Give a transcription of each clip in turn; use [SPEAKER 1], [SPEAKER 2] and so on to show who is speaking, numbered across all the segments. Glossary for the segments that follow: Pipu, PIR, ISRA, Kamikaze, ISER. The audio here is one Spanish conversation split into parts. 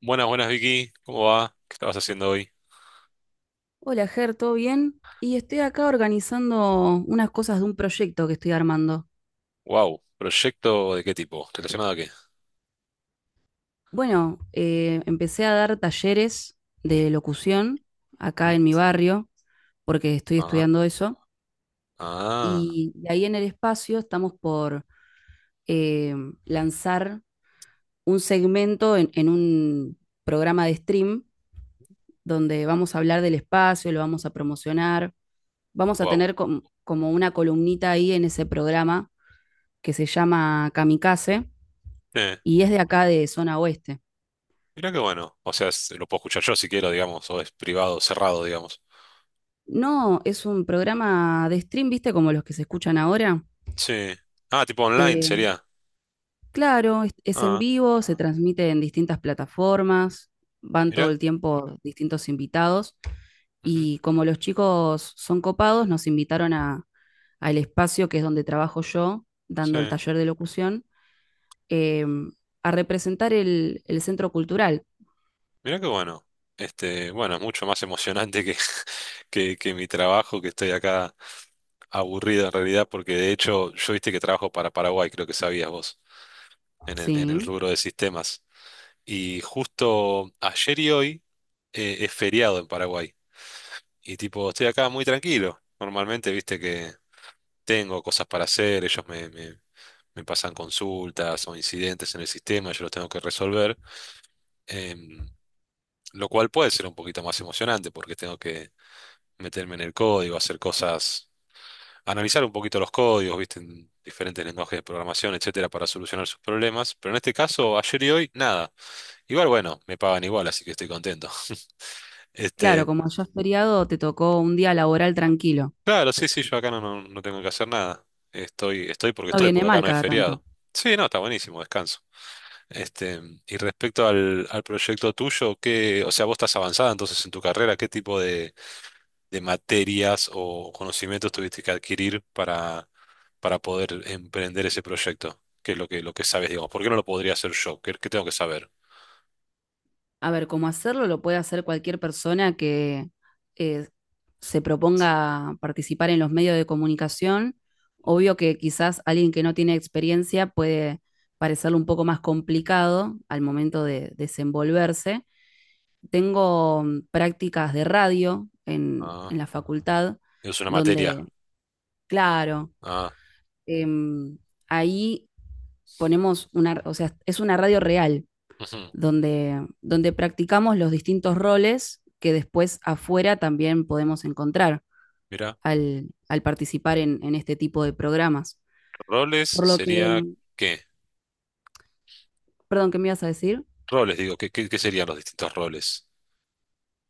[SPEAKER 1] Buenas, buenas Vicky, ¿cómo va? ¿Qué estabas haciendo hoy?
[SPEAKER 2] Hola, Ger, ¿todo bien? Y estoy acá organizando unas cosas de un proyecto que estoy armando.
[SPEAKER 1] Wow, ¿proyecto de qué tipo? ¿Relacionado a qué?
[SPEAKER 2] Bueno, empecé a dar talleres de locución acá
[SPEAKER 1] ¿Mm?
[SPEAKER 2] en mi barrio, porque estoy
[SPEAKER 1] Ajá.
[SPEAKER 2] estudiando eso,
[SPEAKER 1] Ah,
[SPEAKER 2] y de ahí en el espacio estamos por eh, lanzar un segmento en un programa de stream donde vamos a hablar del espacio, lo vamos a promocionar, vamos a
[SPEAKER 1] wow.
[SPEAKER 2] tener como una columnita ahí en ese programa que se llama Kamikaze
[SPEAKER 1] Eh,
[SPEAKER 2] y es de acá de zona oeste.
[SPEAKER 1] Mirá qué bueno. O sea, lo puedo escuchar yo si quiero, digamos, o es privado, cerrado, digamos.
[SPEAKER 2] No, es un programa de stream, ¿viste? Como los que se escuchan ahora.
[SPEAKER 1] Sí. Ah, tipo online
[SPEAKER 2] Eh,
[SPEAKER 1] sería.
[SPEAKER 2] claro, es en
[SPEAKER 1] Ah,
[SPEAKER 2] vivo, se transmite en distintas plataformas, van todo
[SPEAKER 1] mirá.
[SPEAKER 2] el tiempo distintos invitados
[SPEAKER 1] Ujú.
[SPEAKER 2] y como los chicos son copados, nos invitaron a, al espacio que es donde trabajo yo,
[SPEAKER 1] Sí,
[SPEAKER 2] dando el taller de locución, eh, a representar el centro cultural.
[SPEAKER 1] mirá qué bueno. Este, bueno, es mucho más emocionante que mi trabajo, que estoy acá aburrido en realidad, porque de hecho, yo viste que trabajo para Paraguay, creo que sabías vos, en el
[SPEAKER 2] Sí,
[SPEAKER 1] rubro de sistemas. Y justo ayer y hoy es feriado en Paraguay. Y tipo, estoy acá muy tranquilo. Normalmente, viste que tengo cosas para hacer, me pasan consultas o incidentes en el sistema, yo los tengo que resolver. Em, lo cual puede ser un poquito más emocionante porque tengo que meterme en el código, hacer cosas, analizar un poquito los códigos, viste, en diferentes lenguajes de programación, etcétera, para solucionar sus problemas. Pero en este caso, ayer y hoy, nada. Igual, bueno, me pagan igual, así que estoy contento.
[SPEAKER 2] claro,
[SPEAKER 1] Este.
[SPEAKER 2] como allá es feriado, te tocó un día laboral tranquilo.
[SPEAKER 1] Claro, sí, sí, yo acá no, no, no tengo que hacer nada. Estoy,
[SPEAKER 2] No
[SPEAKER 1] estoy,
[SPEAKER 2] viene
[SPEAKER 1] porque acá
[SPEAKER 2] mal
[SPEAKER 1] no es
[SPEAKER 2] cada tanto.
[SPEAKER 1] feriado. Sí, no, está buenísimo, descanso. Este, y respecto al proyecto tuyo, ¿qué? O sea, vos estás avanzada entonces en tu carrera. ¿Qué tipo de materias o conocimientos tuviste que adquirir para poder emprender ese proyecto? ¿Qué es lo lo que sabes, digamos? ¿Por qué no lo podría hacer yo? ¿Qué tengo que saber?
[SPEAKER 2] A ver, cómo hacerlo lo puede hacer cualquier persona que eh, se proponga participar en los medios de comunicación. Obvio que quizás alguien que no tiene experiencia puede parecerle un poco más complicado al momento de desenvolverse. Tengo prácticas de radio
[SPEAKER 1] Ah,
[SPEAKER 2] en la facultad,
[SPEAKER 1] es una materia.
[SPEAKER 2] donde, claro,
[SPEAKER 1] Ah,
[SPEAKER 2] em, ahí ponemos una, o sea, es una radio real
[SPEAKER 1] ujú.
[SPEAKER 2] donde practicamos los distintos roles que después afuera también podemos encontrar
[SPEAKER 1] Mira,
[SPEAKER 2] al participar en este tipo de programas.
[SPEAKER 1] roles
[SPEAKER 2] Por lo que,
[SPEAKER 1] sería ¿qué?
[SPEAKER 2] perdón, ¿qué me ibas a decir?
[SPEAKER 1] Roles, digo, ¿qué serían los distintos roles?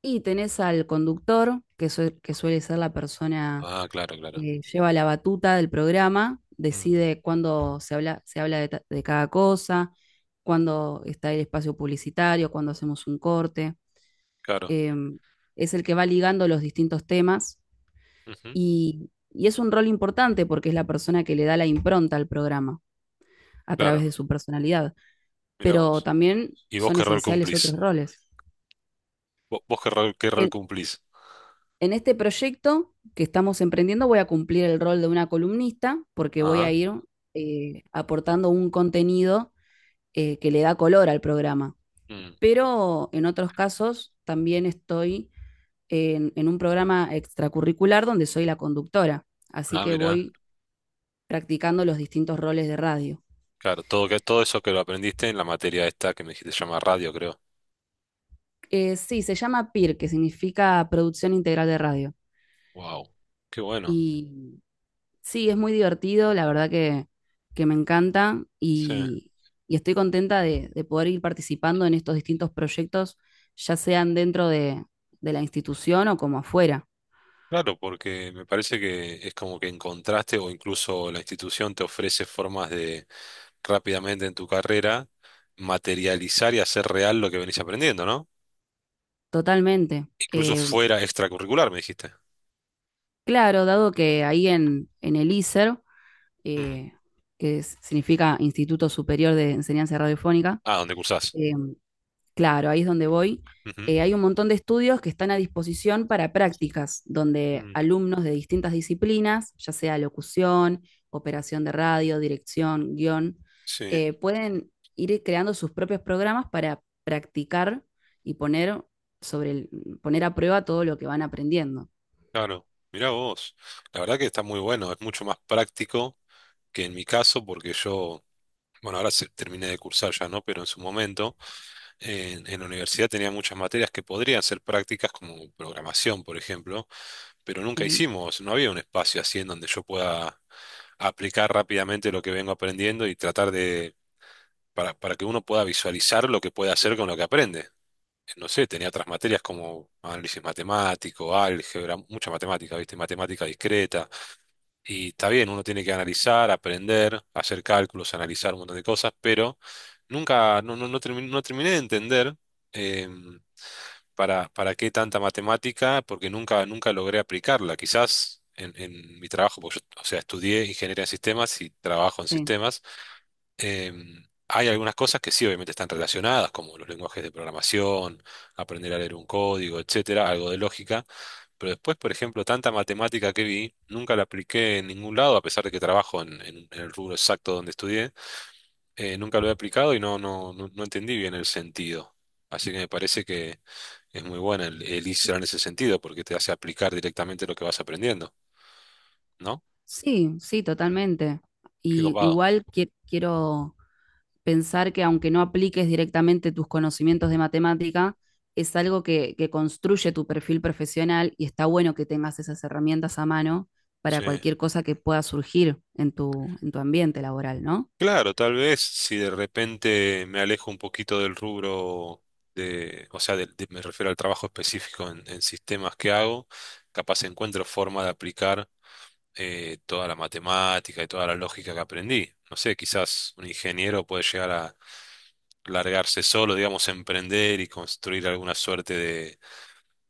[SPEAKER 2] Y tenés al conductor, que, que suele ser la persona
[SPEAKER 1] Ah, claro, claro.
[SPEAKER 2] que lleva la batuta del programa,
[SPEAKER 1] Mm,
[SPEAKER 2] decide cuándo se habla de, de cada cosa, cuándo está el espacio publicitario, cuándo hacemos un corte.
[SPEAKER 1] claro.
[SPEAKER 2] Em, es el que va ligando los distintos temas.
[SPEAKER 1] Ujú,
[SPEAKER 2] Y es un rol importante porque es la persona que le da la impronta al programa a través de
[SPEAKER 1] claro.
[SPEAKER 2] su personalidad,
[SPEAKER 1] Mirá
[SPEAKER 2] pero
[SPEAKER 1] vos.
[SPEAKER 2] también
[SPEAKER 1] ¿Y vos
[SPEAKER 2] son
[SPEAKER 1] qué rol
[SPEAKER 2] esenciales otros
[SPEAKER 1] cumplís?
[SPEAKER 2] roles.
[SPEAKER 1] ¿Vos qué rol
[SPEAKER 2] En,
[SPEAKER 1] cumplís?
[SPEAKER 2] en este proyecto que estamos emprendiendo voy a cumplir el rol de una columnista porque voy
[SPEAKER 1] Ah,
[SPEAKER 2] a ir aportando un contenido que le da color al programa.
[SPEAKER 1] mm,
[SPEAKER 2] Pero en otros casos también estoy en un programa extracurricular donde soy la conductora, así
[SPEAKER 1] ah,
[SPEAKER 2] que
[SPEAKER 1] mirá.
[SPEAKER 2] voy practicando los distintos roles de radio.
[SPEAKER 1] Claro, todo, que, todo eso que lo aprendiste en la materia esta que me dijiste se llama radio, creo.
[SPEAKER 2] Sí, se llama PIR, que significa Producción Integral de Radio.
[SPEAKER 1] Wow. Qué bueno.
[SPEAKER 2] Y sí, es muy divertido, la verdad que me encanta
[SPEAKER 1] Sí.
[SPEAKER 2] y estoy contenta de poder ir participando en estos distintos proyectos, ya sean dentro de la institución o como afuera,
[SPEAKER 1] Claro, porque me parece que es como que encontraste o incluso la institución te ofrece formas de rápidamente en tu carrera materializar y hacer real lo que venís aprendiendo, ¿no?
[SPEAKER 2] totalmente.
[SPEAKER 1] Incluso fuera extracurricular, me dijiste.
[SPEAKER 2] Claro, dado que ahí en el ISER,
[SPEAKER 1] Mm.
[SPEAKER 2] eh, que significa Instituto Superior de Enseñanza Radiofónica,
[SPEAKER 1] Ah, ¿dónde cursás?
[SPEAKER 2] eh, claro, ahí es donde voy.
[SPEAKER 1] Ujú.
[SPEAKER 2] Hay un montón de estudios que están a disposición para prácticas, donde
[SPEAKER 1] Mm.
[SPEAKER 2] alumnos de distintas disciplinas, ya sea locución, operación de radio, dirección, guión,
[SPEAKER 1] Sí,
[SPEAKER 2] pueden ir creando sus propios programas para practicar y poner, sobre el- poner a prueba todo lo que van aprendiendo.
[SPEAKER 1] claro. Mirá vos. La verdad que está muy bueno. Es mucho más práctico que en mi caso, porque yo, bueno, ahora terminé de cursar ya, ¿no? Pero en su momento, en la universidad tenía muchas materias que podrían ser prácticas, como programación, por ejemplo, pero nunca
[SPEAKER 2] Sí,
[SPEAKER 1] hicimos, no había un espacio así en donde yo pueda aplicar rápidamente lo que vengo aprendiendo y tratar para que uno pueda visualizar lo que puede hacer con lo que aprende. No sé, tenía otras materias como análisis matemático, álgebra, mucha matemática, ¿viste? Matemática discreta. Y está bien, uno tiene que analizar, aprender, hacer cálculos, analizar un montón de cosas, pero nunca, no, no, no, no terminé de entender eh, para qué tanta matemática, porque nunca, nunca logré aplicarla. Quizás en mi trabajo, porque yo, o sea, estudié ingeniería en sistemas y trabajo en
[SPEAKER 2] sí.
[SPEAKER 1] sistemas. Em, hay algunas cosas que sí, obviamente están relacionadas, como los lenguajes de programación, aprender a leer un código, etcétera, algo de lógica, pero después, por ejemplo, tanta matemática que vi, nunca la apliqué en ningún lado, a pesar de que trabajo en el rubro exacto donde estudié, nunca lo he aplicado y no, no, no, no entendí bien el sentido. Así que me parece que es muy buena el ISRA en ese sentido, porque te hace aplicar directamente lo que vas aprendiendo, ¿no?
[SPEAKER 2] Sí, sí, totalmente.
[SPEAKER 1] Qué
[SPEAKER 2] Y
[SPEAKER 1] copado.
[SPEAKER 2] igual quiero pensar que aunque no apliques directamente tus conocimientos de matemática, es algo que construye tu perfil profesional y está bueno que tengas esas herramientas a mano para
[SPEAKER 1] Sí.
[SPEAKER 2] cualquier cosa que pueda surgir en tu ambiente laboral, ¿no?
[SPEAKER 1] Claro, tal vez si de repente me alejo un poquito del rubro de, o sea, me refiero al trabajo específico en sistemas que hago, capaz encuentro forma de aplicar toda la matemática y toda la lógica que aprendí. No sé, quizás un ingeniero puede llegar a largarse solo, digamos, emprender y construir alguna suerte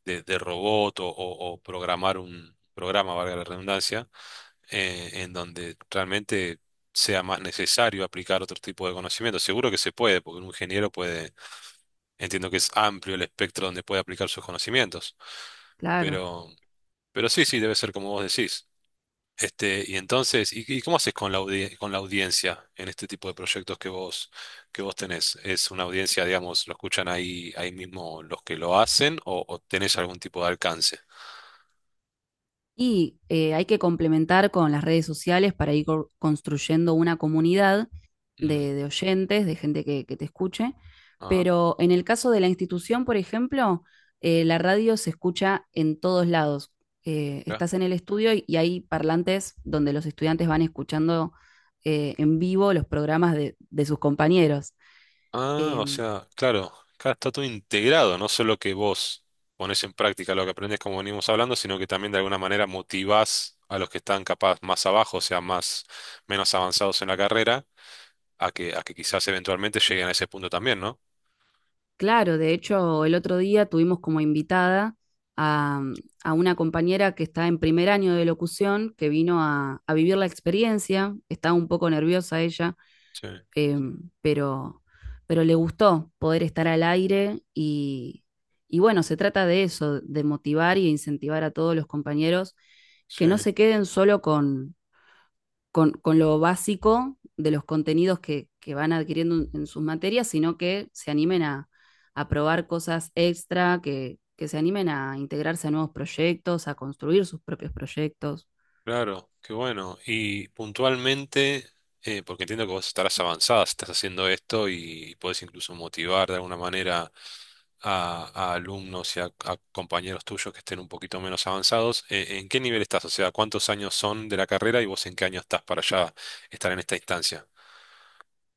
[SPEAKER 1] de robot o programar un programa, valga la redundancia en donde realmente sea más necesario aplicar otro tipo de conocimiento. Seguro que se puede, porque un ingeniero puede, entiendo que es amplio el espectro donde puede aplicar sus conocimientos,
[SPEAKER 2] Claro.
[SPEAKER 1] pero, pero sí, sí, debe ser como vos decís. Este, y entonces, y cómo haces con la con la audiencia en este tipo de proyectos que vos tenés? ¿Es una audiencia, digamos, lo escuchan ahí, ahí mismo los que lo hacen o tenés algún tipo de alcance?
[SPEAKER 2] Y hay que complementar con las redes sociales para ir construyendo una comunidad
[SPEAKER 1] Mm,
[SPEAKER 2] de oyentes, de gente que te escuche.
[SPEAKER 1] ajá,
[SPEAKER 2] Pero en el caso de la institución, por ejemplo, la radio se escucha en todos lados.
[SPEAKER 1] mirá.
[SPEAKER 2] Estás en el estudio y hay parlantes donde los estudiantes van escuchando en vivo los programas de sus compañeros.
[SPEAKER 1] Ah,
[SPEAKER 2] Eh,
[SPEAKER 1] o sea, claro, acá está todo integrado, no solo que vos pones en práctica lo que aprendes como venimos hablando, sino que también de alguna manera motivás a los que están capaz más abajo, o sea, más, menos avanzados en la carrera, a que quizás eventualmente lleguen a ese punto también, ¿no?
[SPEAKER 2] Claro, de hecho, el otro día tuvimos como invitada a, a una compañera que está en primer año de locución, que vino a vivir la experiencia, estaba un poco nerviosa ella,
[SPEAKER 1] Sí,
[SPEAKER 2] eh, pero, pero le gustó poder estar al aire y bueno, se trata de eso, de motivar y incentivar a todos los compañeros
[SPEAKER 1] sí,
[SPEAKER 2] que no se queden solo con, con lo básico de los contenidos que van adquiriendo en, sus materias, sino que se animen a probar cosas extra, que se animen a integrarse a nuevos proyectos, a construir sus propios proyectos.
[SPEAKER 1] claro, qué bueno. Y puntualmente, porque entiendo que vos estarás avanzada, si estás haciendo esto y podés incluso motivar de alguna manera a alumnos y a compañeros tuyos que estén un poquito menos avanzados. ¿En qué nivel estás? O sea, ¿cuántos años son de la carrera y vos en qué año estás para ya estar en esta instancia?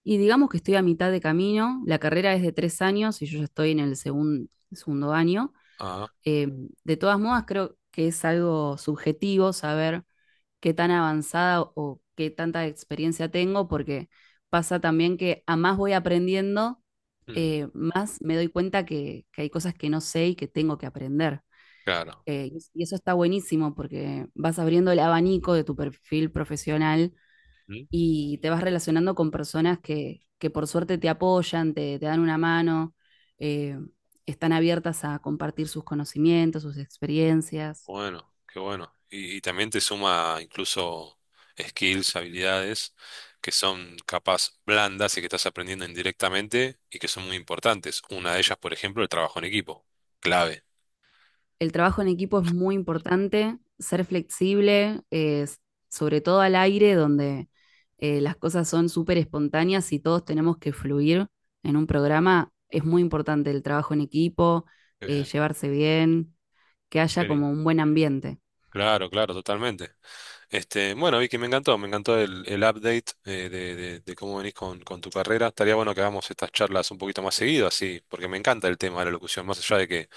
[SPEAKER 2] Y digamos que estoy a mitad de camino, la carrera es de tres años y yo ya estoy en el segundo año.
[SPEAKER 1] Ah,
[SPEAKER 2] Eh, de todas modas, creo que es algo subjetivo saber qué tan avanzada o qué tanta experiencia tengo, porque pasa también que a más voy aprendiendo,
[SPEAKER 1] mm,
[SPEAKER 2] más me doy cuenta que hay cosas que no sé y que tengo que aprender.
[SPEAKER 1] claro.
[SPEAKER 2] Y y eso está buenísimo porque vas abriendo el abanico de tu perfil profesional
[SPEAKER 1] Mm,
[SPEAKER 2] y te vas relacionando con personas que por suerte te apoyan, te dan una mano, eh, están abiertas a compartir sus conocimientos, sus experiencias.
[SPEAKER 1] bueno, qué bueno. Y también te suma incluso skills, habilidades que son capaz blandas y que estás aprendiendo indirectamente y que son muy importantes. Una de ellas, por ejemplo, el trabajo en equipo. Clave.
[SPEAKER 2] El trabajo en equipo es muy importante, ser flexible, sobre todo al aire, donde las cosas son súper espontáneas y todos tenemos que fluir en un programa. Es muy importante el trabajo en equipo,
[SPEAKER 1] Qué bien,
[SPEAKER 2] llevarse bien, que haya
[SPEAKER 1] qué
[SPEAKER 2] como
[SPEAKER 1] lindo.
[SPEAKER 2] un buen ambiente.
[SPEAKER 1] Claro, claro, totalmente. Este, bueno, Vicky, me encantó el update de cómo venís con tu carrera. Estaría bueno que hagamos estas charlas un poquito más seguido, así, porque me encanta el tema de la locución, más allá de que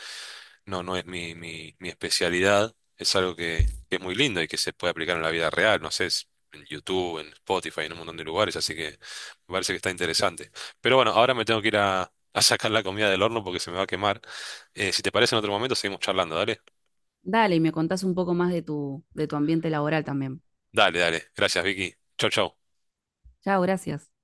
[SPEAKER 1] no, no es mi, mi especialidad, es algo que es muy lindo y que se puede aplicar en la vida real, no sé, es en YouTube, en Spotify, en un montón de lugares, así que me parece que está interesante. Pero bueno, ahora me tengo que ir a sacar la comida del horno porque se me va a quemar. Si te parece, en otro momento seguimos charlando, dale.
[SPEAKER 2] Dale, y me contás un poco más de tu ambiente laboral también.
[SPEAKER 1] Dale, dale. Gracias, Vicky. Chau, chau.
[SPEAKER 2] Chao, gracias.